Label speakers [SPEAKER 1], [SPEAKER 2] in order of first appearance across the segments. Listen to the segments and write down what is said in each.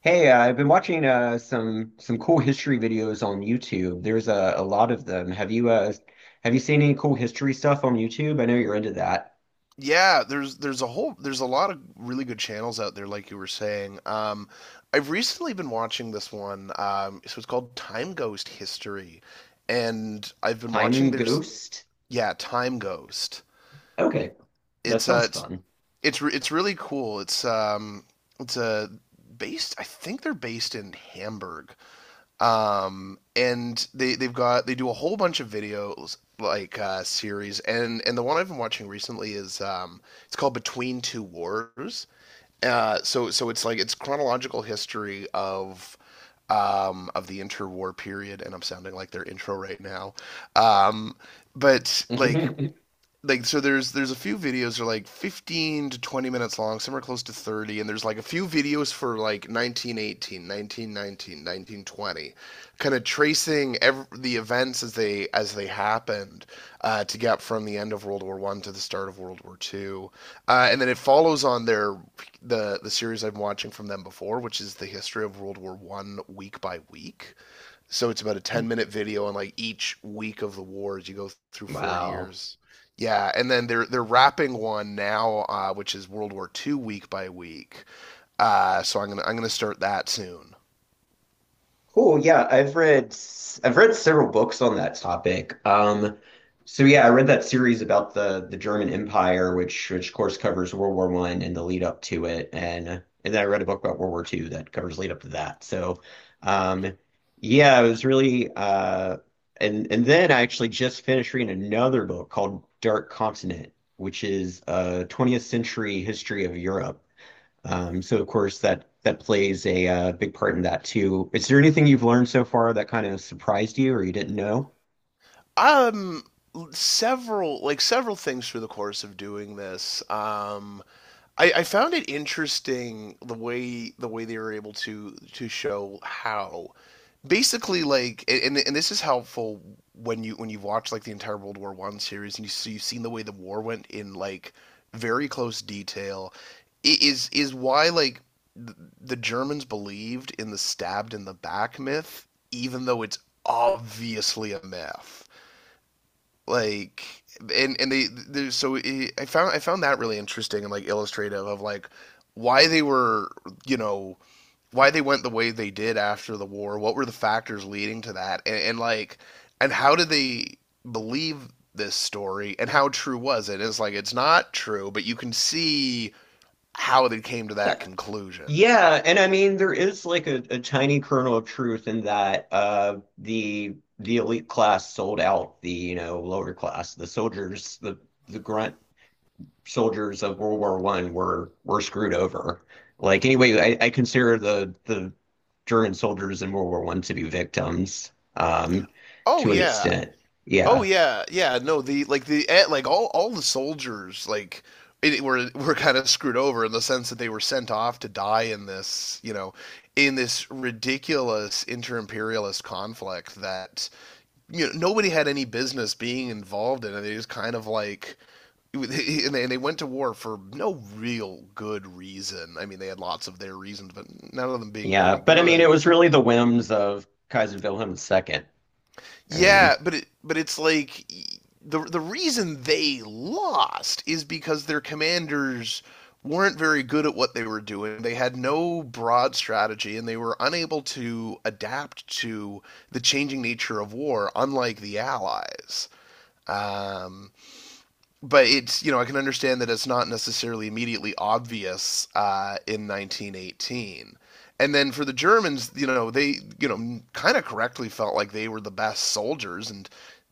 [SPEAKER 1] Hey, I've been watching some cool history videos on YouTube. There's a lot of them. Have you seen any cool history stuff on YouTube? I know you're into that.
[SPEAKER 2] Yeah, there's a lot of really good channels out there, like you were saying. I've recently been watching this one. So it's called Time Ghost History, and I've been
[SPEAKER 1] Time
[SPEAKER 2] watching. There's
[SPEAKER 1] Ghost?
[SPEAKER 2] Yeah, Time Ghost.
[SPEAKER 1] Okay, that
[SPEAKER 2] It's uh,
[SPEAKER 1] sounds
[SPEAKER 2] it's
[SPEAKER 1] fun.
[SPEAKER 2] it's really cool. It's based. I think they're based in Hamburg, and they they've got they do a whole bunch of videos, like series, and the one I've been watching recently is it's called Between Two Wars. So it's like, it's chronological history of the interwar period, and I'm sounding like their intro right now. Um, but like like so there's a few videos that are like 15 to 20 minutes long. Some are close to 30, and there's like a few videos for like 1918, 1919, 1920, kind of tracing every the events as they happened, to get from the end of World War One to the start of World War Two. And then it follows on the series I'm watching from them before, which is the history of World War One week by week. So it's about a 10-minute video on like each week of the war as you go through four
[SPEAKER 1] Wow.
[SPEAKER 2] years Yeah, and then they're wrapping one now, which is World War Two week by week. So I'm gonna start that soon.
[SPEAKER 1] Cool. Yeah, I've read I I've read several books on that topic. So yeah, I read that series about the German Empire, which of course covers World War One and the lead up to it, and then I read a book about World War Two that covers lead up to that. So, um, yeah, it was really and then I actually just finished reading another book called Dark Continent, which is a 20th century history of Europe. That plays a big part in that too. Is there anything you've learned so far that kind of surprised you or you didn't know?
[SPEAKER 2] Um, several things through the course of doing this. I found it interesting the way they were able to show how, basically, like, and this is helpful when you've watched like the entire World War One series, and you've seen the way the war went in like very close detail is why, like, the Germans believed in the stabbed in the back myth, even though it's obviously a myth, like. And they there's so it, I found that really interesting and like illustrative of like why they were, you know, why they went the way they did after the war. What were the factors leading to that? And, like, and how did they believe this story? And how true was it? It's like it's not true, but you can see how they came to that
[SPEAKER 1] Yeah.
[SPEAKER 2] conclusion.
[SPEAKER 1] Yeah, and I mean there is like a tiny kernel of truth in that the elite class sold out the lower class. The soldiers, the grunt soldiers of World War One were screwed over. Like anyway, I consider the German soldiers in World War One to be victims
[SPEAKER 2] Oh
[SPEAKER 1] to an
[SPEAKER 2] yeah,
[SPEAKER 1] extent.
[SPEAKER 2] oh
[SPEAKER 1] Yeah.
[SPEAKER 2] yeah, yeah. No, the, all the soldiers, like, were kind of screwed over in the sense that they were sent off to die in this, you know, in this ridiculous inter-imperialist conflict that, you know, nobody had any business being involved in. It. They just kind of like, and they went to war for no real good reason. I mean, they had lots of their reasons, but none of them being
[SPEAKER 1] Yeah,
[SPEAKER 2] very
[SPEAKER 1] but I mean, it
[SPEAKER 2] good.
[SPEAKER 1] was really the whims of Kaiser Wilhelm II. I
[SPEAKER 2] Yeah,
[SPEAKER 1] mean,
[SPEAKER 2] but it's like the reason they lost is because their commanders weren't very good at what they were doing. They had no broad strategy, and they were unable to adapt to the changing nature of war, unlike the Allies. Um, but it's, you know, I can understand that it's not necessarily immediately obvious in 1918. And then for the Germans, you know, they, you know, kind of correctly felt like they were the best soldiers, and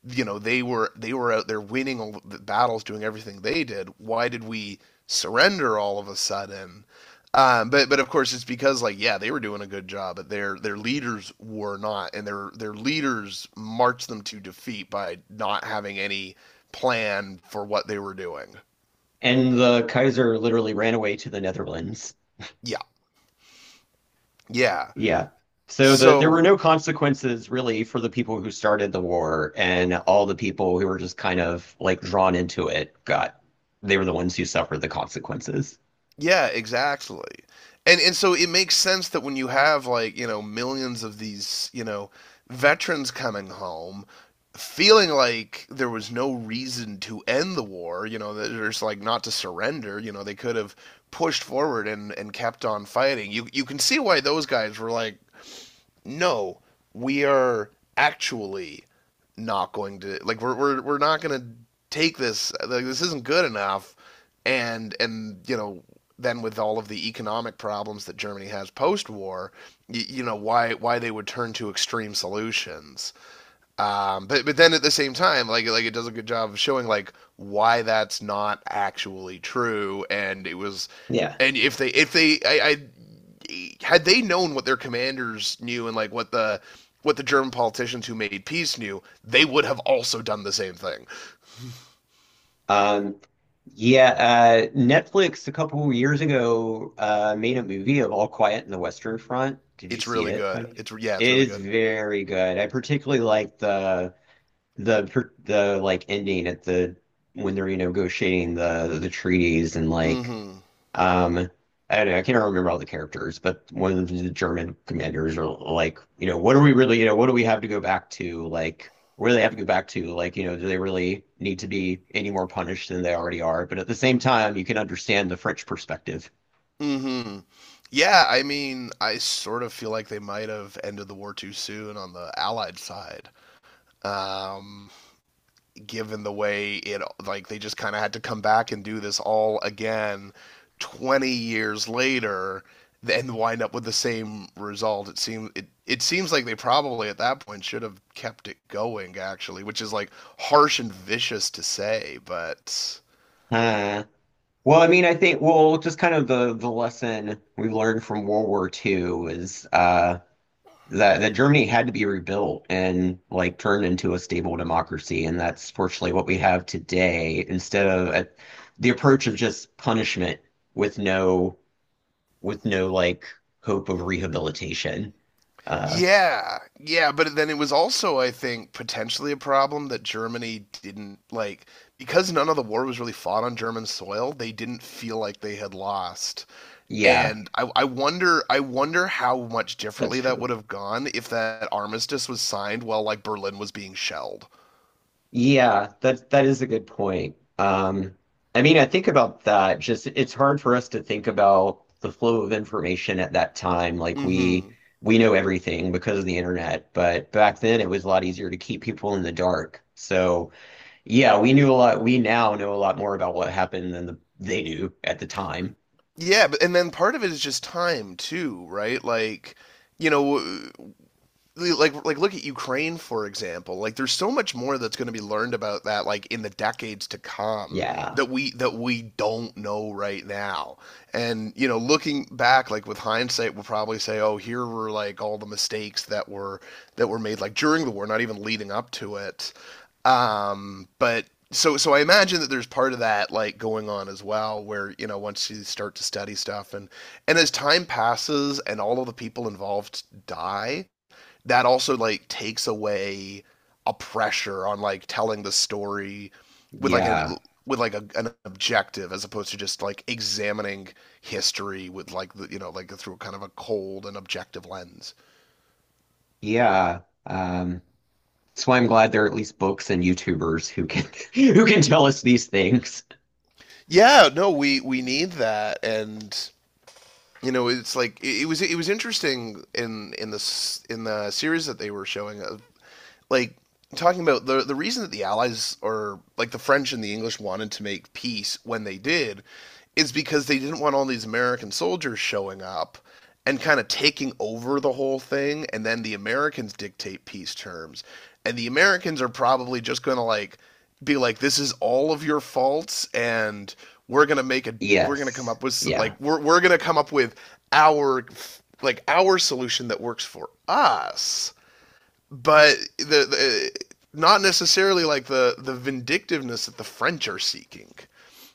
[SPEAKER 2] you know they were out there winning all the battles, doing everything they did. Why did we surrender all of a sudden? But of course it's because, like, yeah, they were doing a good job, but their leaders were not, and their leaders marched them to defeat by not having any plan for what they were doing.
[SPEAKER 1] and the Kaiser literally ran away to the Netherlands.
[SPEAKER 2] Yeah. Yeah.
[SPEAKER 1] Yeah. So the, there were
[SPEAKER 2] So,
[SPEAKER 1] no consequences really for the people who started the war, and all the people who were just kind of like drawn into it got, they were the ones who suffered the consequences.
[SPEAKER 2] yeah, exactly. And so it makes sense that when you have, like, you know, millions of these, you know, veterans coming home feeling like there was no reason to end the war, you know, there's like not to surrender, you know, they could have pushed forward and kept on fighting. You can see why those guys were like, no, we are actually not going to, like, we're not going to take this, like, this isn't good enough, and you know, then with all of the economic problems that Germany has post-war, you know why they would turn to extreme solutions, but then at the same time, like it does a good job of showing like why that's not actually true, and it was,
[SPEAKER 1] Yeah.
[SPEAKER 2] and if they I had they known what their commanders knew and like what the German politicians who made peace knew, they would have also done the same thing.
[SPEAKER 1] Um. Yeah, Netflix a couple years ago made a movie of All Quiet in the Western Front. Did you
[SPEAKER 2] It's
[SPEAKER 1] see
[SPEAKER 2] really
[SPEAKER 1] it by
[SPEAKER 2] good.
[SPEAKER 1] any chance?
[SPEAKER 2] It's Yeah, it's
[SPEAKER 1] It
[SPEAKER 2] really
[SPEAKER 1] is
[SPEAKER 2] good.
[SPEAKER 1] very good. I particularly like the like ending at the when they're you know negotiating the treaties and like
[SPEAKER 2] Mm-hmm.
[SPEAKER 1] um, I don't know, I can't remember all the characters, but one of the German commanders are like, you know, what are we really, you know, what do we have to go back to? Like, where do they have to go back to? Like, you know, do they really need to be any more punished than they already are? But at the same time, you can understand the French perspective.
[SPEAKER 2] Mm-hmm. Yeah, I mean, I sort of feel like they might have ended the war too soon on the Allied side. Um, Given the way it like they just kind of had to come back and do this all again 20 years later and wind up with the same result, it seems like they probably at that point should have kept it going, actually, which is like harsh and vicious to say, but
[SPEAKER 1] Huh. Well, I mean, I think, well, just kind of the lesson we learned from World War II is that that Germany had to be rebuilt and like turned into a stable democracy, and that's fortunately what we have today instead of the approach of just punishment with no with no like hope of rehabilitation. Uh,
[SPEAKER 2] yeah, yeah, but then it was also, I think, potentially a problem that Germany didn't, like, because none of the war was really fought on German soil, they didn't feel like they had lost.
[SPEAKER 1] yeah,
[SPEAKER 2] And I wonder how much
[SPEAKER 1] that's
[SPEAKER 2] differently that
[SPEAKER 1] true.
[SPEAKER 2] would have gone if that armistice was signed while like Berlin was being shelled.
[SPEAKER 1] Yeah, that that is a good point. I mean, I think about that. Just it's hard for us to think about the flow of information at that time. Like
[SPEAKER 2] Mm-hmm.
[SPEAKER 1] we know everything because of the internet, but back then it was a lot easier to keep people in the dark. So yeah, we knew a lot. We now know a lot more about what happened than the, they knew at the time.
[SPEAKER 2] Yeah, but and then part of it is just time too, right? Like, you know, like look at Ukraine, for example. Like, there's so much more that's going to be learned about that, like, in the decades to come,
[SPEAKER 1] Yeah,
[SPEAKER 2] that we don't know right now. And you know, looking back, like, with hindsight, we'll probably say, "Oh, here were, like, all the mistakes that were made, like, during the war, not even leading up to it." But so I imagine that there's part of that, like, going on as well, where you know once you start to study stuff, and as time passes and all of the people involved die, that also, like, takes away a pressure on, like, telling the story with like a
[SPEAKER 1] yeah,
[SPEAKER 2] an objective, as opposed to just like examining history with like the you know, like, through kind of a cold and objective lens.
[SPEAKER 1] yeah. Um, that's why I'm glad there are at least books and YouTubers who can who can tell us these things.
[SPEAKER 2] Yeah, no, we need that. And you know, it's like it was interesting in the series that they were showing of, like, talking about the reason that the Allies, or like the French and the English, wanted to make peace when they did is because they didn't want all these American soldiers showing up and kind of taking over the whole thing, and then the Americans dictate peace terms, and the Americans are probably just going to, like, be like, this is all of your faults, and we're going to make a we're going to come
[SPEAKER 1] Yes.
[SPEAKER 2] up with,
[SPEAKER 1] Yeah.
[SPEAKER 2] like, we're going to come up with our, our solution that works for us, but the not necessarily, like, the vindictiveness that the French are seeking.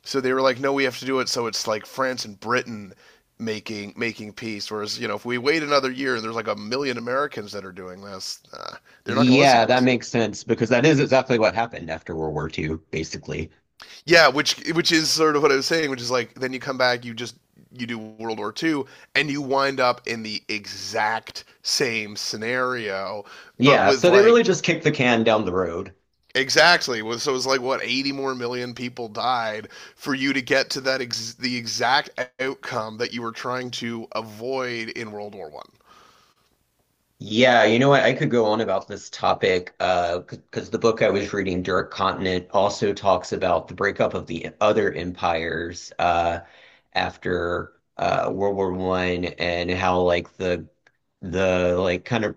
[SPEAKER 2] So they were like, no, we have to do it. So it's like France and Britain making peace. Whereas you know, if we wait another year, there's like a million Americans that are doing this. They're not going to listen
[SPEAKER 1] Yeah,
[SPEAKER 2] to
[SPEAKER 1] that
[SPEAKER 2] us.
[SPEAKER 1] makes sense because that is exactly what happened after World War Two, basically.
[SPEAKER 2] Yeah, which is sort of what I was saying, which is like then you come back, you just you do World War Two, and you wind up in the exact same scenario, but
[SPEAKER 1] Yeah,
[SPEAKER 2] with
[SPEAKER 1] so they really
[SPEAKER 2] like,
[SPEAKER 1] just kicked the can down the road.
[SPEAKER 2] exactly. Well, so it's like what, 80 more million people died for you to get to that the exact outcome that you were trying to avoid in World War One.
[SPEAKER 1] Yeah, you know what? I could go on about this topic because the book I was reading, Dark Continent, also talks about the breakup of the other empires after World War One and how like the like kind of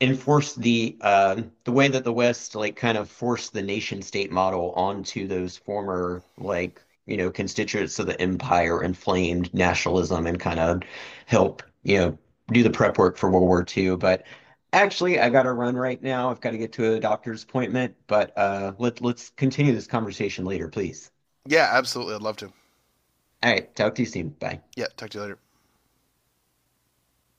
[SPEAKER 1] enforce the way that the West like kind of forced the nation state model onto those former like you know constituents of the empire inflamed nationalism and kind of help you know do the prep work for World War II. But actually, I got to run right now. I've got to get to a doctor's appointment. But let's continue this conversation later, please.
[SPEAKER 2] Yeah, absolutely. I'd love to.
[SPEAKER 1] All right, talk to you soon. Bye.
[SPEAKER 2] Yeah, talk to you later.